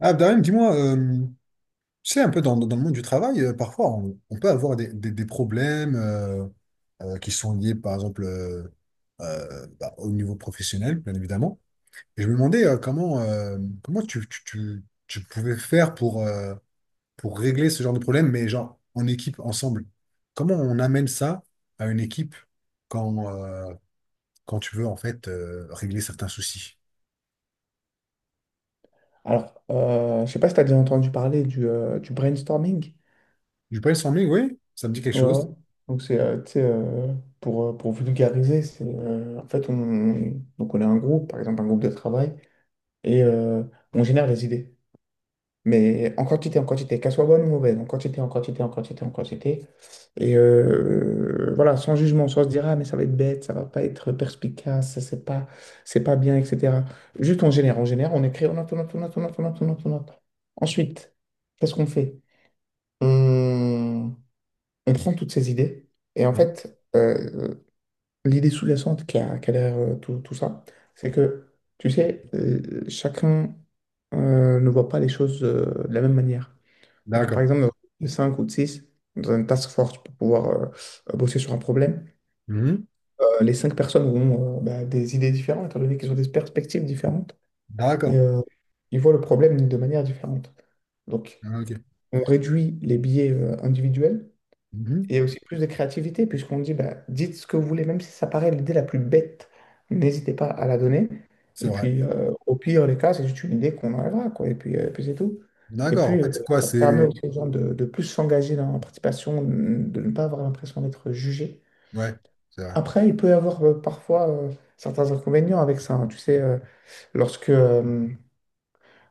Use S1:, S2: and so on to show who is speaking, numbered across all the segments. S1: Ah, Darim, dis-moi, tu sais, un peu dans le monde du travail, parfois, on peut avoir des problèmes qui sont liés, par exemple, au niveau professionnel, bien évidemment. Et je me demandais comment, comment tu pouvais faire pour régler ce genre de problème, mais genre en équipe, ensemble. Comment on amène ça à une équipe quand, quand tu veux, en fait, régler certains soucis?
S2: Alors, je sais pas si tu as déjà entendu parler du brainstorming.
S1: Du brainstorming, oui, ça me dit quelque
S2: Ouais, ouais.
S1: chose.
S2: Donc, tu sais, pour vulgariser, en fait, donc on a un groupe, par exemple, un groupe de travail, et euh, on génère des idées. Mais en quantité, qu'elle soit bonne ou mauvaise, en quantité, en quantité, en quantité, en quantité. Voilà, sans jugement, sans se dire, ah, mais ça va être bête, ça va pas être perspicace, c'est pas bien, etc. Juste, on génère, on génère, on écrit, on note, on note, on note, on note, on note, on note, on note. Ensuite, qu'est-ce qu'on fait? On, on prend toutes ces idées, et en
S1: Ouais.
S2: fait, l'idée sous-jacente qui a derrière tout, tout ça, c'est que, tu sais, chacun ne voit pas les choses de la même manière. Donc, par
S1: D'accord.
S2: exemple, 5 ou 6 dans une task force pour pouvoir bosser sur un problème.
S1: Mhm.
S2: Les 5 personnes ont bah, des idées différentes, étant donné qu'ils ont des perspectives différentes, et
S1: D'accord.
S2: euh, ils voient le problème de manière différente. Donc,
S1: Ah, ok.
S2: on réduit les biais individuels
S1: Mhm.
S2: et aussi plus de créativité, puisqu'on dit, bah, dites ce que vous voulez, même si ça paraît l'idée la plus bête, n'hésitez pas à la donner.
S1: C'est
S2: Et
S1: vrai.
S2: puis, au pire des cas, c'est juste une idée qu'on enlèvera, quoi. Et puis, puis c'est tout. Et
S1: D'accord. En
S2: puis,
S1: fait, c'est quoi?
S2: ça
S1: C'est.
S2: permet aussi aux gens de plus s'engager dans la participation, de ne pas avoir l'impression d'être jugé.
S1: Ouais, c'est vrai.
S2: Après, il peut y avoir parfois certains inconvénients avec ça, hein. Tu sais, lorsque, euh,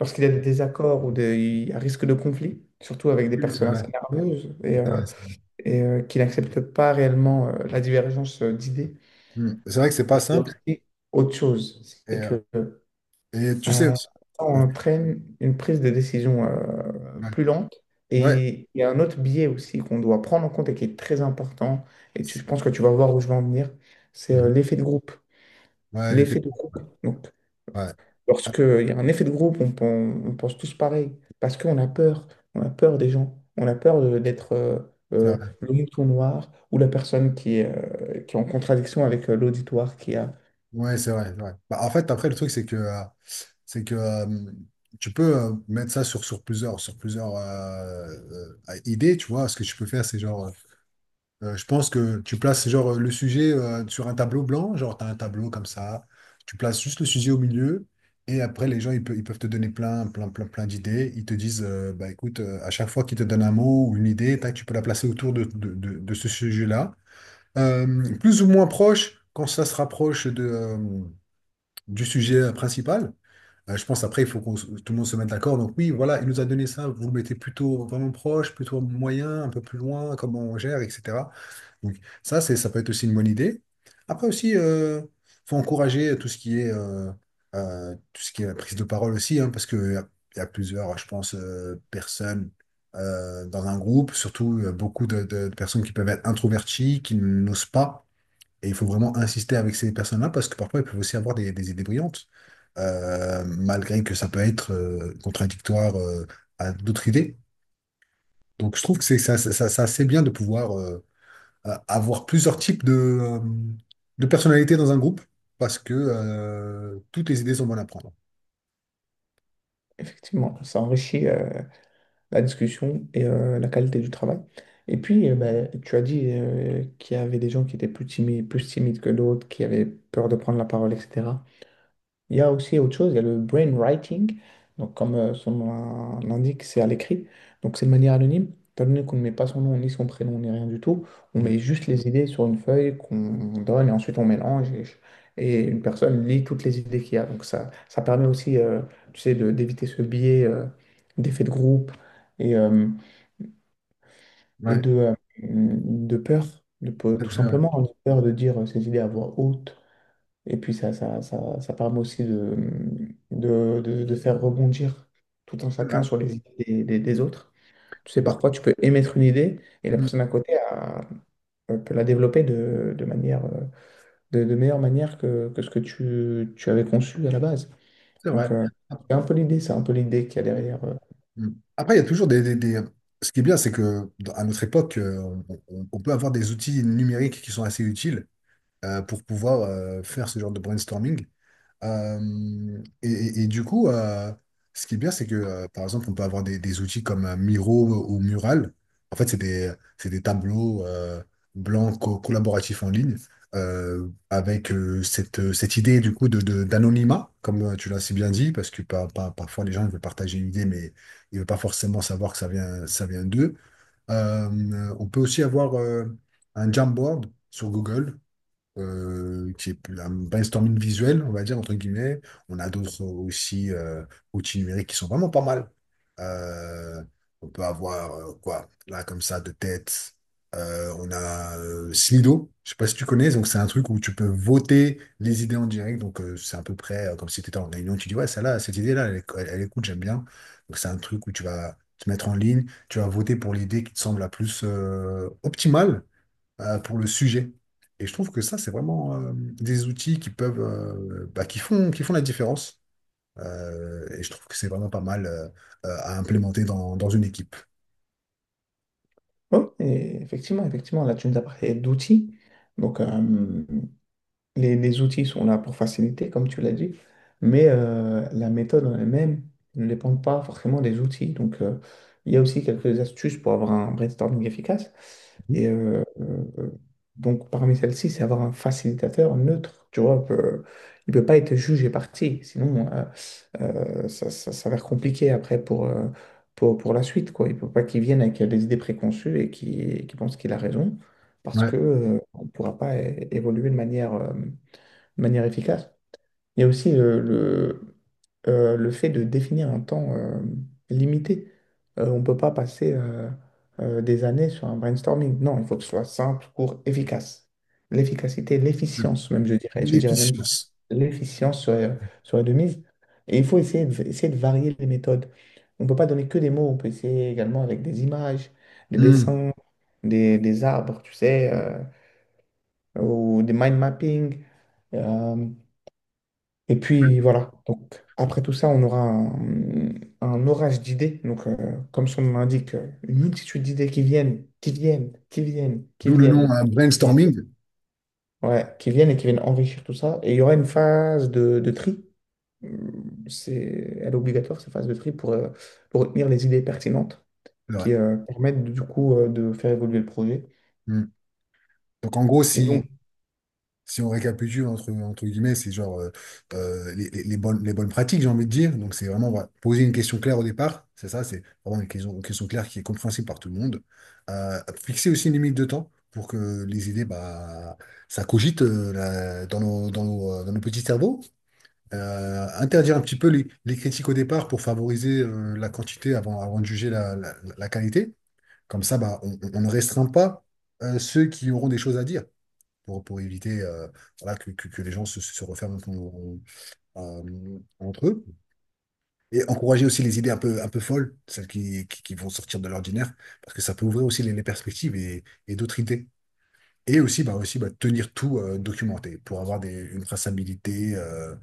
S2: lorsqu'il y a des désaccords il y a risque de conflit, surtout avec des
S1: Oui, c'est
S2: personnes
S1: vrai.
S2: assez nerveuses. Et,
S1: C'est
S2: euh,
S1: vrai, c'est vrai.
S2: et euh, qu'il n'accepte pas réellement la divergence d'idées.
S1: Hmm. C'est vrai que c'est pas
S2: Il y a
S1: simple.
S2: aussi autre chose,
S1: Et,
S2: c'est
S1: euh,
S2: que
S1: et tu sais
S2: euh,
S1: aussi.
S2: ça
S1: Ah,
S2: entraîne une prise de décision
S1: ouais.
S2: plus lente.
S1: Ouais,
S2: Et il y a un autre biais aussi qu'on doit prendre en compte et qui est très important, et je pense que tu vas voir où je vais en venir, c'est
S1: mhm.
S2: l'effet de groupe.
S1: Ouais, les faits.
S2: L'effet de
S1: Ouais.
S2: groupe. Donc,
S1: Ouais. Ah,
S2: lorsqu'il y a un effet de groupe, on pense tous pareil, parce qu'on a peur, on a peur des gens, on a peur d'être
S1: c'est vrai.
S2: le mouton noir ou la personne qui est en contradiction avec l'auditoire qui a
S1: Ouais, c'est vrai, c'est vrai. Bah, en fait, après, le truc, c'est que tu peux mettre ça sur, sur plusieurs idées, tu vois. Ce que tu peux faire, c'est genre. Je pense que tu places genre le sujet sur un tableau blanc, genre tu as un tableau comme ça, tu places juste le sujet au milieu, et après les gens ils peuvent te donner plein, plein, plein, plein d'idées. Ils te disent, bah écoute, à chaque fois qu'ils te donnent un mot ou une idée, tac, tu peux la placer autour de ce sujet-là. Plus ou moins proche, quand ça se rapproche de, du sujet principal. Je pense après, il faut qu'on se- tout le monde se mette d'accord. Donc oui, voilà, il nous a donné ça. Vous le mettez plutôt vraiment proche, plutôt moyen, un peu plus loin, comment on gère, etc. Donc, ça, c'est, ça peut être aussi une bonne idée. Après aussi, faut encourager tout ce qui est, tout ce qui est la prise de parole aussi, hein, parce qu'il y a, il y a plusieurs, je pense, personnes dans un groupe, surtout beaucoup de personnes qui peuvent être introverties, qui n'osent pas. Et il faut vraiment insister avec ces personnes-là, parce que parfois, elles peuvent aussi avoir des idées brillantes, malgré que ça peut être contradictoire à d'autres idées. Donc, je trouve que c'est ça, ça, c'est bien de pouvoir... avoir plusieurs types de personnalités dans un groupe parce que toutes les idées sont bonnes à prendre.
S2: effectivement, ça enrichit la discussion et la qualité du travail. Et puis, ben, tu as dit qu'il y avait des gens qui étaient plus timides que d'autres, qui avaient peur de prendre la parole, etc. Il y a aussi autre chose, il y a le brainwriting. Donc, comme son nom l'indique, c'est à l'écrit. Donc, c'est de manière anonyme. Étant donné qu'on ne met pas son nom, ni son prénom, ni rien du tout, on
S1: Mm.
S2: met juste les idées sur une feuille qu'on donne et ensuite on mélange, et une personne lit toutes les idées qu'il y a. Donc, ça permet aussi, tu sais, d'éviter ce biais d'effet de groupe et, et
S1: Ouais,
S2: de, euh, de peur,
S1: c'est
S2: tout
S1: vrai.
S2: simplement, on a peur de dire ses idées à voix haute. Et puis ça permet aussi de faire rebondir tout un
S1: C'est vrai.
S2: chacun sur les idées des autres. Tu sais,
S1: Bah,
S2: parfois, tu peux émettre une idée et la
S1: mm,
S2: personne à côté peut la développer de manière, de meilleure manière que ce que tu avais conçu à la base.
S1: c'est vrai.
S2: Donc,
S1: Ah,
S2: c'est un peu l'idée, c'est un peu l'idée qu'il y a
S1: mm,
S2: derrière.
S1: mm. Après, il y a toujours ce qui est bien, c'est que à notre époque, on peut avoir des outils numériques qui sont assez utiles pour pouvoir faire ce genre de brainstorming. Et du coup, ce qui est bien, c'est que, par exemple, on peut avoir des outils comme Miro ou Mural. En fait, c'est des tableaux blancs collaboratifs en ligne, avec cette, cette idée du coup de, d'anonymat, comme tu l'as si bien dit, parce que parfois les gens ils veulent partager une idée, mais ils ne veulent pas forcément savoir que ça vient d'eux. On peut aussi avoir un Jamboard sur Google, qui est plus un brainstorming visuel, on va dire, entre guillemets. On a d'autres aussi outils numériques qui sont vraiment pas mal. Euh, on peut avoir, quoi, là, comme ça, de tête. On a Slido, je sais pas si tu connais, donc c'est un truc où tu peux voter les idées en direct, donc c'est à peu près comme si tu étais en réunion, tu dis ouais, celle-là, cette idée-là, elle, elle est cool, j'aime bien. Donc c'est un truc où tu vas te mettre en ligne, tu vas voter pour l'idée qui te semble la plus optimale, pour le sujet. Et je trouve que ça, c'est vraiment des outils qui peuvent, bah, qui font la différence. Et je trouve que c'est vraiment pas mal à implémenter dans, dans une équipe.
S2: Oh, et effectivement, effectivement, là, tu nous as parlé d'outils. Donc, les outils sont là pour faciliter, comme tu l'as dit, mais la méthode en elle-même ne dépend pas forcément des outils. Donc, il y a aussi quelques astuces pour avoir un brainstorming efficace. Et euh, euh, donc, parmi celles-ci, c'est avoir un facilitateur neutre. Tu vois, il ne peut pas être juge et parti, sinon ça, ça s'avère compliqué après pour, pour la suite, quoi. Il ne peut pas qu'il vienne avec des idées préconçues et qu'il pense qu'il a raison, parce
S1: Ouais.
S2: que on ne pourra pas évoluer de manière efficace. Il y a aussi le fait de définir un temps limité. On ne peut pas passer des années sur un brainstorming. Non, il faut que ce soit simple, court, efficace. L'efficacité, l'efficience même, je dirais.
S1: De
S2: Je dirais même plus.
S1: l'efficience.
S2: L'efficience serait, serait de mise. Et il faut essayer essayer de varier les méthodes. On ne peut pas donner que des mots, on peut essayer également avec des images, des
S1: Hmm.
S2: dessins, des arbres, tu sais, ou des mind mapping. Euh, et puis voilà, donc après tout ça, on aura un orage d'idées. Donc, comme son nom l'indique, une multitude d'idées qui viennent, qui viennent, qui viennent, qui
S1: D'où le nom,
S2: viennent,
S1: hein,
S2: qui viennent.
S1: brainstorming.
S2: Ouais, qui viennent et qui viennent enrichir tout ça. Et il y aura une phase de tri. C'est, elle est obligatoire, cette phase de tri, pour retenir les idées pertinentes
S1: C'est vrai.
S2: qui permettent du coup de faire évoluer le projet.
S1: Hmm. Donc en gros,
S2: Et donc,
S1: si on récapitule entre, entre guillemets, c'est genre les, les bonnes pratiques, j'ai envie de dire. Donc, c'est vraiment voilà, poser une question claire au départ. C'est ça, c'est vraiment une question claire qui est compréhensible par tout le monde. Euh, Fixer aussi une limite de temps pour que les idées, bah, ça cogite dans nos, dans nos petits cerveaux. Interdire un petit peu les critiques au départ pour favoriser la quantité avant, avant de juger la, la qualité. Comme ça, bah, on ne restreint pas ceux qui auront des choses à dire pour éviter voilà, que les gens se, se referment entre eux. Et encourager aussi les idées un peu folles, celles qui vont sortir de l'ordinaire, parce que ça peut ouvrir aussi les perspectives et d'autres idées. Et aussi bah, tenir tout documenté pour avoir une traçabilité euh,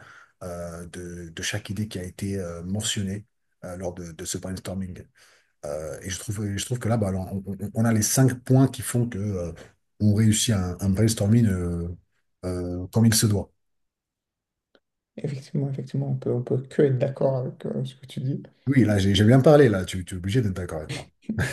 S1: euh, de chaque idée qui a été mentionnée lors de ce brainstorming. Et je trouve que là, bah, alors, on a les cinq points qui font que on réussit un brainstorming comme il se doit.
S2: effectivement, effectivement, on peut que être d'accord avec ce que tu dis.
S1: Oui, là, j'ai bien parlé, là, tu es obligé d'être d'accord avec moi.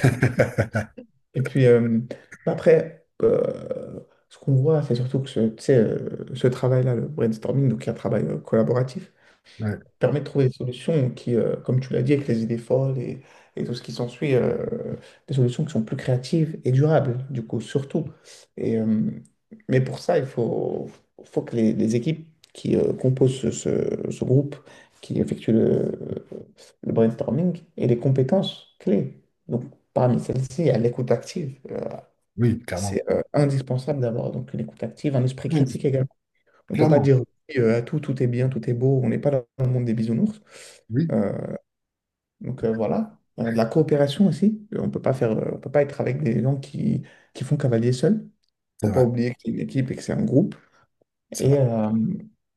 S2: Et puis, bah après, ce qu'on voit, c'est surtout que ce, tu sais, ce travail-là, le brainstorming, donc un travail collaboratif,
S1: Ouais,
S2: permet de trouver des solutions qui, comme tu l'as dit, avec les idées folles et tout ce qui s'ensuit, des solutions qui sont plus créatives et durables, du coup, surtout. Et, euh, mais pour ça, faut que les équipes qui composent ce groupe, qui effectuent le brainstorming, aient les compétences clés. Donc, parmi celles-ci, il y a l'écoute active. euh,
S1: oui,
S2: c'est
S1: clairement.
S2: euh, indispensable d'avoir donc une écoute active, un esprit
S1: Ouais,
S2: critique également. On ne peut pas
S1: clairement,
S2: dire oui, à tout, tout est bien, tout est beau, on n'est pas dans le monde des bisounours.
S1: oui,
S2: Euh, voilà, de la coopération aussi. On peut pas faire, on peut pas être avec des gens qui font cavalier seul.
S1: c'est
S2: Faut pas
S1: vrai,
S2: oublier que c'est une équipe et que c'est un groupe.
S1: c'est
S2: Et,
S1: vrai.
S2: euh,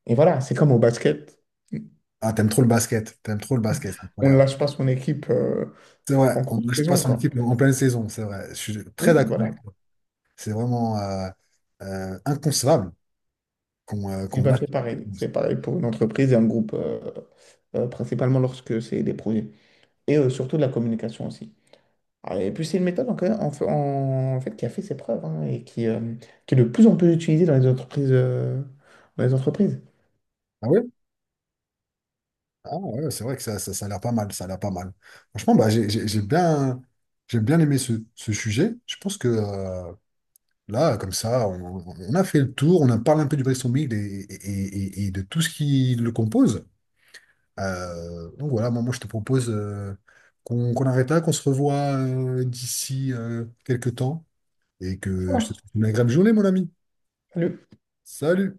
S2: et voilà, c'est comme au basket.
S1: Ah, t'aimes trop le basket, t'aimes trop le basket, c'est
S2: On ne
S1: incroyable.
S2: lâche pas son équipe
S1: C'est vrai,
S2: en
S1: on
S2: cours
S1: ne
S2: de
S1: lâche pas
S2: saison,
S1: son
S2: quoi.
S1: équipe en pleine saison, c'est vrai. Je suis très
S2: Oui,
S1: d'accord
S2: voilà.
S1: avec toi. C'est vraiment inconcevable
S2: Et
S1: qu'on
S2: ben,
S1: lâche
S2: c'est
S1: son équipe
S2: pareil.
S1: comme ça.
S2: C'est pareil pour une entreprise et un groupe, principalement lorsque c'est des projets. Surtout de la communication aussi. Ah, et puis c'est une méthode en fait, qui a fait ses preuves hein, et qui est de plus en plus utilisée dans les entreprises, dans les entreprises.
S1: Ah oui, ah ouais, c'est vrai que ça a l'air pas mal, ça a l'air pas mal. Franchement, bah, j'ai bien aimé ce, ce sujet. Je pense que là, comme ça, on a fait le tour, on a parlé un peu du bristol et de tout ce qui le compose. Donc voilà, moi, moi, je te propose qu'on qu'on arrête là, qu'on se revoit d'ici quelques temps et
S2: Ça
S1: que je te
S2: marche.
S1: souhaite une agréable journée, mon ami.
S2: Salut.
S1: Salut!